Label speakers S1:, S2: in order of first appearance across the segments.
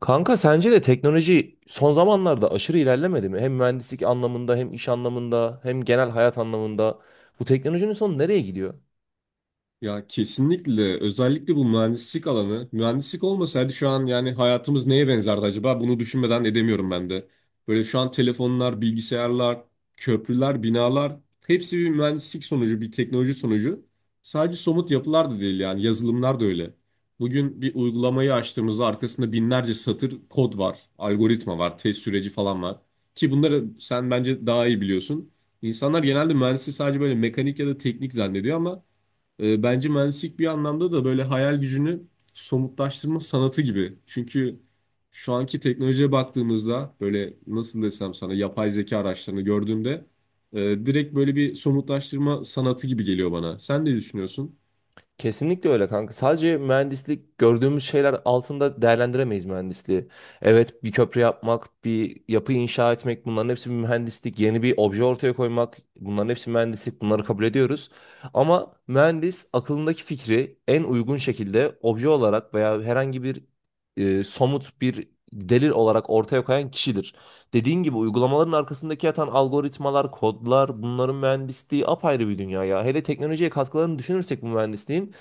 S1: Kanka sence de teknoloji son zamanlarda aşırı ilerlemedi mi? Hem mühendislik anlamında hem iş anlamında hem genel hayat anlamında. Bu teknolojinin sonu nereye gidiyor?
S2: Ya kesinlikle, özellikle bu mühendislik alanı, mühendislik olmasaydı şu an yani hayatımız neye benzerdi acaba, bunu düşünmeden edemiyorum ben de. Böyle şu an telefonlar, bilgisayarlar, köprüler, binalar hepsi bir mühendislik sonucu, bir teknoloji sonucu. Sadece somut yapılar da değil yani, yazılımlar da öyle. Bugün bir uygulamayı açtığımızda arkasında binlerce satır kod var, algoritma var, test süreci falan var. Ki bunları sen bence daha iyi biliyorsun. İnsanlar genelde mühendisliği sadece böyle mekanik ya da teknik zannediyor ama bence mühendislik bir anlamda da böyle hayal gücünü somutlaştırma sanatı gibi. Çünkü şu anki teknolojiye baktığımızda böyle nasıl desem sana, yapay zeka araçlarını gördüğümde direkt böyle bir somutlaştırma sanatı gibi geliyor bana. Sen ne düşünüyorsun?
S1: Kesinlikle öyle kanka. Sadece mühendislik gördüğümüz şeyler altında değerlendiremeyiz mühendisliği. Evet, bir köprü yapmak, bir yapı inşa etmek bunların hepsi bir mühendislik. Yeni bir obje ortaya koymak bunların hepsi mühendislik. Bunları kabul ediyoruz. Ama mühendis aklındaki fikri en uygun şekilde obje olarak veya herhangi bir somut bir delil olarak ortaya koyan kişidir. Dediğin gibi uygulamaların arkasındaki yatan algoritmalar, kodlar bunların mühendisliği apayrı bir dünya ya. Hele teknolojiye katkılarını düşünürsek bu mühendisliğin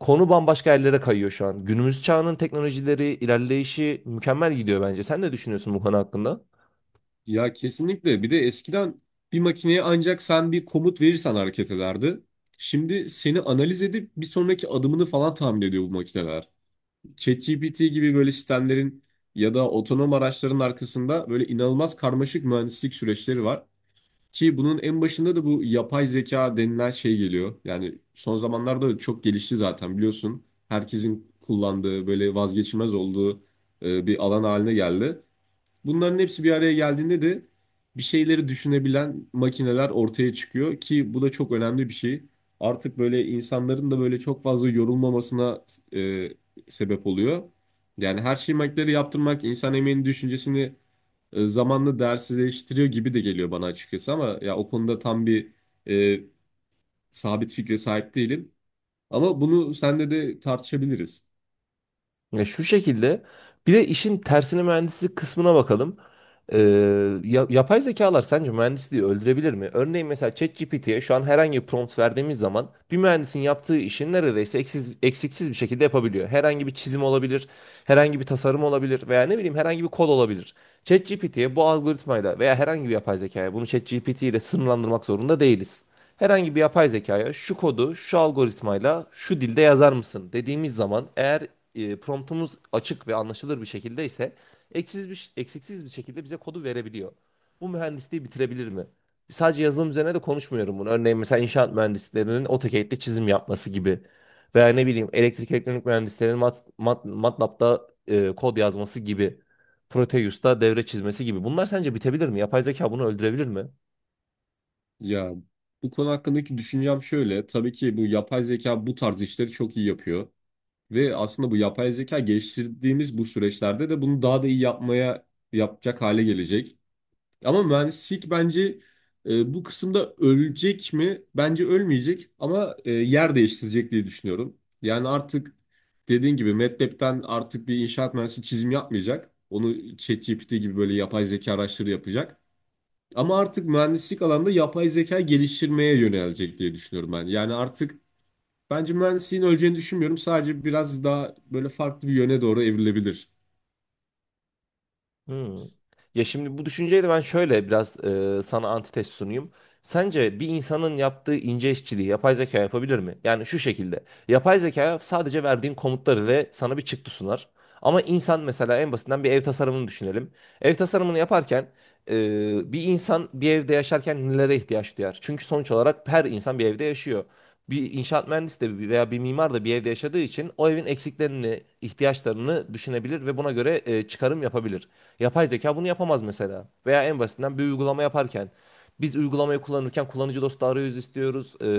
S1: konu bambaşka yerlere kayıyor şu an. Günümüz çağının teknolojileri, ilerleyişi mükemmel gidiyor bence. Sen ne düşünüyorsun bu konu hakkında?
S2: Ya kesinlikle. Bir de eskiden bir makineye ancak sen bir komut verirsen hareket ederdi. Şimdi seni analiz edip bir sonraki adımını falan tahmin ediyor bu makineler. ChatGPT gibi böyle sistemlerin ya da otonom araçların arkasında böyle inanılmaz karmaşık mühendislik süreçleri var. Ki bunun en başında da bu yapay zeka denilen şey geliyor. Yani son zamanlarda da çok gelişti zaten, biliyorsun. Herkesin kullandığı, böyle vazgeçilmez olduğu bir alan haline geldi. Bunların hepsi bir araya geldiğinde de bir şeyleri düşünebilen makineler ortaya çıkıyor ki bu da çok önemli bir şey. Artık böyle insanların da böyle çok fazla yorulmamasına e, sebep oluyor. Yani her şeyi makineleri yaptırmak insan emeğinin düşüncesini zamanla değersizleştiriyor gibi de geliyor bana açıkçası, ama ya o konuda tam bir e, sabit fikre sahip değilim. Ama bunu senle de tartışabiliriz.
S1: Ya şu şekilde, bir de işin tersine mühendislik kısmına bakalım. Ee, Yapay zekalar sence mühendisliği öldürebilir mi? Örneğin mesela ChatGPT'ye şu an herhangi bir prompt verdiğimiz zaman bir mühendisin yaptığı işi neredeyse eksiksiz bir şekilde yapabiliyor. Herhangi bir çizim olabilir, herhangi bir tasarım olabilir veya ne bileyim herhangi bir kod olabilir. ChatGPT'ye bu algoritmayla veya herhangi bir yapay zekaya bunu ChatGPT ile sınırlandırmak zorunda değiliz. Herhangi bir yapay zekaya şu kodu şu algoritmayla şu dilde yazar mısın dediğimiz zaman, eğer promptumuz açık ve anlaşılır bir şekilde ise eksiksiz bir şekilde bize kodu verebiliyor. Bu mühendisliği bitirebilir mi? Sadece yazılım üzerine de konuşmuyorum bunu. Örneğin mesela inşaat mühendislerinin AutoCAD'de çizim yapması gibi. Veya ne bileyim elektrik elektronik mühendislerinin MATLAB'da kod yazması gibi. Proteus'ta devre çizmesi gibi. Bunlar sence bitebilir mi? Yapay zeka bunu öldürebilir mi?
S2: Ya bu konu hakkındaki düşüncem şöyle. Tabii ki bu yapay zeka bu tarz işleri çok iyi yapıyor. Ve aslında bu yapay zeka geliştirdiğimiz bu süreçlerde de bunu daha da iyi yapacak hale gelecek. Ama mühendislik bence bu kısımda ölecek mi? Bence ölmeyecek, ama yer değiştirecek diye düşünüyorum. Yani artık dediğin gibi MATLAB'den artık bir inşaat mühendisi çizim yapmayacak. Onu ChatGPT gibi böyle yapay zeka araçları yapacak. Ama artık mühendislik alanda yapay zeka geliştirmeye yönelecek diye düşünüyorum ben. Yani artık bence mühendisliğin öleceğini düşünmüyorum. Sadece biraz daha böyle farklı bir yöne doğru evrilebilir.
S1: Hmm. Ya şimdi bu düşünceyle ben şöyle biraz sana antitez sunayım. Sence bir insanın yaptığı ince işçiliği yapay zeka yapabilir mi? Yani şu şekilde. Yapay zeka sadece verdiğin komutları ve sana bir çıktı sunar. Ama insan, mesela en basitinden bir ev tasarımını düşünelim. Ev tasarımını yaparken bir insan bir evde yaşarken nelere ihtiyaç duyar? Çünkü sonuç olarak her insan bir evde yaşıyor, bir inşaat mühendisi de veya bir mimar da bir evde yaşadığı için o evin eksiklerini, ihtiyaçlarını düşünebilir ve buna göre çıkarım yapabilir. Yapay zeka bunu yapamaz mesela. Veya en basitinden bir uygulama yaparken biz uygulamayı kullanırken kullanıcı dostu arayüz istiyoruz,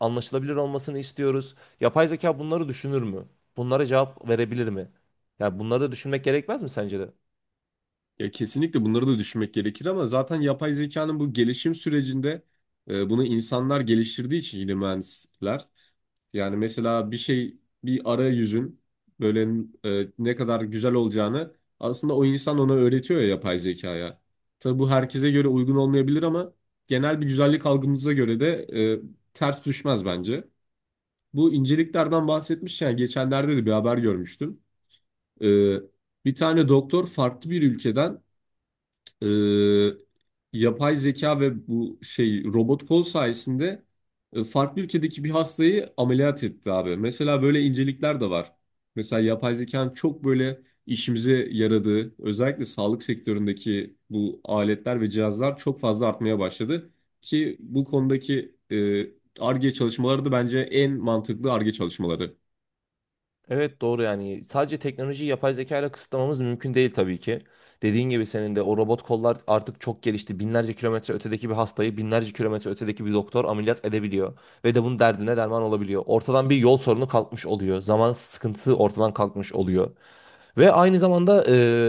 S1: anlaşılabilir olmasını istiyoruz. Yapay zeka bunları düşünür mü? Bunlara cevap verebilir mi? Ya bunları da düşünmek gerekmez mi sence de?
S2: Ya kesinlikle bunları da düşünmek gerekir, ama zaten yapay zekanın bu gelişim sürecinde bunu insanlar geliştirdiği için, yine mühendisler. Yani mesela bir şey, bir arayüzün böyle ne kadar güzel olacağını aslında o insan ona öğretiyor ya, yapay zekaya. Tabii bu herkese göre uygun olmayabilir, ama genel bir güzellik algımıza göre de e, ters düşmez bence. Bu inceliklerden bahsetmişken geçenlerde de bir haber görmüştüm. Ee, Bir tane doktor farklı bir ülkeden e, yapay zeka ve bu şey robot kol sayesinde farklı ülkedeki bir hastayı ameliyat etti abi. Mesela böyle incelikler de var. Mesela yapay zekanın çok böyle işimize yaradığı, özellikle sağlık sektöründeki bu aletler ve cihazlar çok fazla artmaya başladı. Ki bu konudaki Ar-Ge çalışmaları da bence en mantıklı Ar-Ge çalışmaları.
S1: Evet, doğru. Yani sadece teknolojiyi yapay zeka ile kısıtlamamız mümkün değil tabii ki. Dediğin gibi, senin de o robot kollar artık çok gelişti. Binlerce kilometre ötedeki bir hastayı binlerce kilometre ötedeki bir doktor ameliyat edebiliyor. Ve de bunun derdine derman olabiliyor. Ortadan bir yol sorunu kalkmış oluyor. Zaman sıkıntısı ortadan kalkmış oluyor. Ve aynı zamanda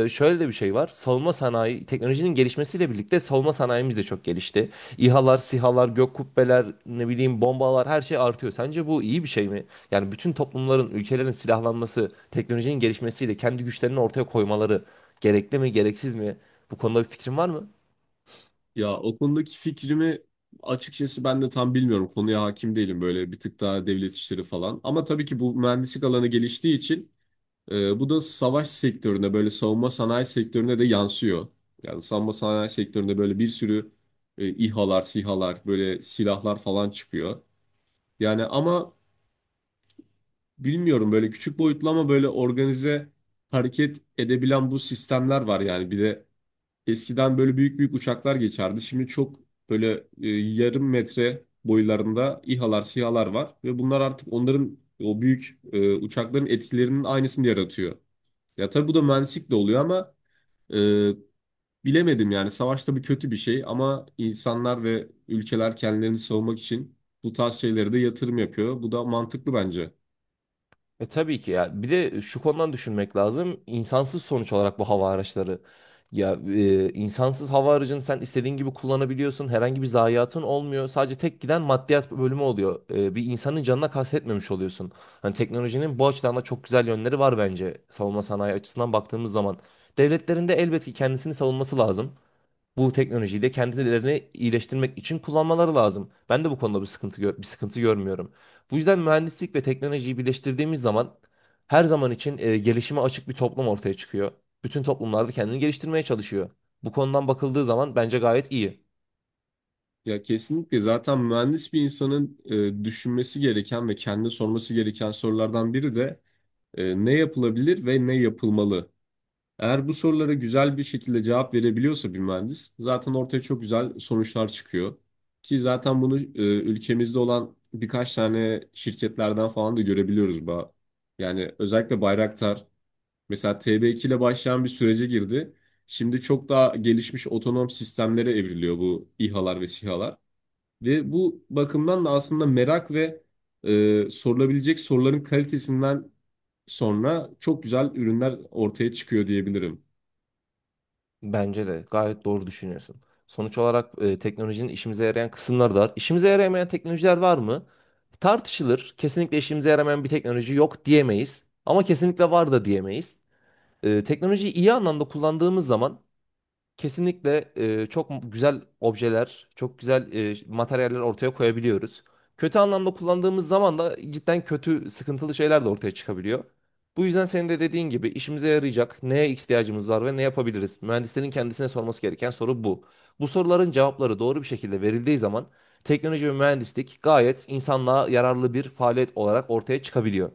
S1: şöyle de bir şey var. Savunma sanayi, teknolojinin gelişmesiyle birlikte savunma sanayimiz de çok gelişti. İHA'lar, SİHA'lar, gök kubbeler, ne bileyim bombalar, her şey artıyor. Sence bu iyi bir şey mi? Yani bütün toplumların, ülkelerin silahlanması, teknolojinin gelişmesiyle kendi güçlerini ortaya koymaları gerekli mi, gereksiz mi? Bu konuda bir fikrin var mı?
S2: Ya o konudaki fikrimi açıkçası ben de tam bilmiyorum. Konuya hakim değilim, böyle bir tık daha devlet işleri falan. Ama tabii ki bu mühendislik alanı geliştiği için bu da savaş sektörüne, böyle savunma sanayi sektörüne de yansıyor. Yani savunma sanayi sektöründe böyle bir sürü İHA'lar, SİHA'lar, böyle silahlar falan çıkıyor. Yani ama bilmiyorum, böyle küçük boyutlu ama böyle organize hareket edebilen bu sistemler var yani. Bir de eskiden böyle büyük büyük uçaklar geçerdi. Şimdi çok böyle yarım metre boylarında İHA'lar, SİHA'lar var ve bunlar artık onların o büyük uçakların etkilerinin aynısını yaratıyor. Ya tabii bu da mühendislik de oluyor ama e, bilemedim yani, savaş tabii kötü bir şey, ama insanlar ve ülkeler kendilerini savunmak için bu tarz şeylere de yatırım yapıyor. Bu da mantıklı bence.
S1: E tabii ki ya. Bir de şu konudan düşünmek lazım. İnsansız, sonuç olarak bu hava araçları. Ya insansız hava aracını sen istediğin gibi kullanabiliyorsun. Herhangi bir zayiatın olmuyor. Sadece tek giden maddiyat bölümü oluyor. E, bir insanın canına kastetmemiş oluyorsun. Hani teknolojinin bu açıdan da çok güzel yönleri var bence. Savunma sanayi açısından baktığımız zaman. Devletlerin de elbette ki kendisini savunması lazım, bu teknolojiyi de kendilerini iyileştirmek için kullanmaları lazım. Ben de bu konuda bir sıkıntı görmüyorum. Bu yüzden mühendislik ve teknolojiyi birleştirdiğimiz zaman her zaman için gelişime açık bir toplum ortaya çıkıyor. Bütün toplumlarda kendini geliştirmeye çalışıyor. Bu konudan bakıldığı zaman bence gayet iyi.
S2: Ya kesinlikle, zaten mühendis bir insanın düşünmesi gereken ve kendine sorması gereken sorulardan biri de, E, ne yapılabilir ve ne yapılmalı? Eğer bu sorulara güzel bir şekilde cevap verebiliyorsa bir mühendis, zaten ortaya çok güzel sonuçlar çıkıyor. Ki zaten bunu ülkemizde olan birkaç tane şirketlerden falan da görebiliyoruz. Yani özellikle Bayraktar mesela TB2 ile başlayan bir sürece girdi. Şimdi çok daha gelişmiş otonom sistemlere evriliyor bu İHA'lar ve SİHA'lar. Ve bu bakımdan da aslında merak ve sorulabilecek soruların kalitesinden sonra çok güzel ürünler ortaya çıkıyor diyebilirim.
S1: Bence de gayet doğru düşünüyorsun. Sonuç olarak teknolojinin işimize yarayan kısımları da var. İşimize yaramayan teknolojiler var mı? Tartışılır. Kesinlikle işimize yaramayan bir teknoloji yok diyemeyiz. Ama kesinlikle var da diyemeyiz. E, teknolojiyi iyi anlamda kullandığımız zaman kesinlikle çok güzel objeler, çok güzel materyaller ortaya koyabiliyoruz. Kötü anlamda kullandığımız zaman da cidden kötü, sıkıntılı şeyler de ortaya çıkabiliyor. Bu yüzden senin de dediğin gibi, işimize yarayacak neye ihtiyacımız var ve ne yapabiliriz? Mühendislerin kendisine sorması gereken soru bu. Bu soruların cevapları doğru bir şekilde verildiği zaman teknoloji ve mühendislik gayet insanlığa yararlı bir faaliyet olarak ortaya çıkabiliyor.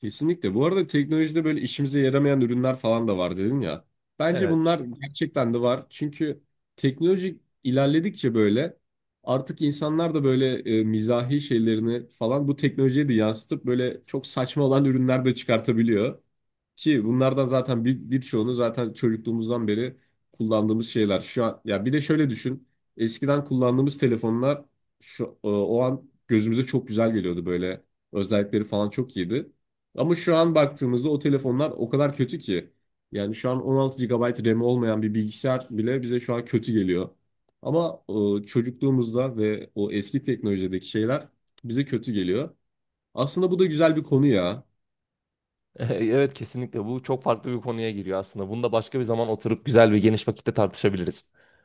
S2: Kesinlikle. Bu arada teknolojide böyle işimize yaramayan ürünler falan da var dedin ya. Bence
S1: Evet.
S2: bunlar gerçekten de var. Çünkü teknoloji ilerledikçe böyle artık insanlar da böyle mizahi şeylerini falan bu teknolojiye de yansıtıp böyle çok saçma olan ürünler de çıkartabiliyor. Ki bunlardan zaten birçoğunu zaten çocukluğumuzdan beri kullandığımız şeyler. Şu an ya, bir de şöyle düşün. Eskiden kullandığımız telefonlar şu o an gözümüze çok güzel geliyordu böyle. Özellikleri falan çok iyiydi. Ama şu an baktığımızda o telefonlar o kadar kötü ki. Yani şu an 16 gigabayt RAM olmayan bir bilgisayar bile bize şu an kötü geliyor. Ama çocukluğumuzda ve o eski teknolojideki şeyler bize kötü geliyor. Aslında bu da güzel bir konu ya.
S1: Evet, kesinlikle bu çok farklı bir konuya giriyor aslında. Bunu da başka bir zaman oturup güzel ve geniş vakitte tartışabiliriz.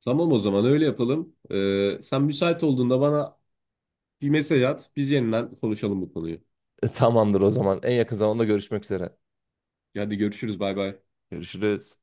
S2: Tamam, o zaman öyle yapalım. Sen müsait olduğunda bana bir mesaj at. Biz yeniden konuşalım bu konuyu.
S1: E, tamamdır o zaman. En yakın zamanda görüşmek üzere.
S2: Hadi görüşürüz. Bay bay.
S1: Görüşürüz.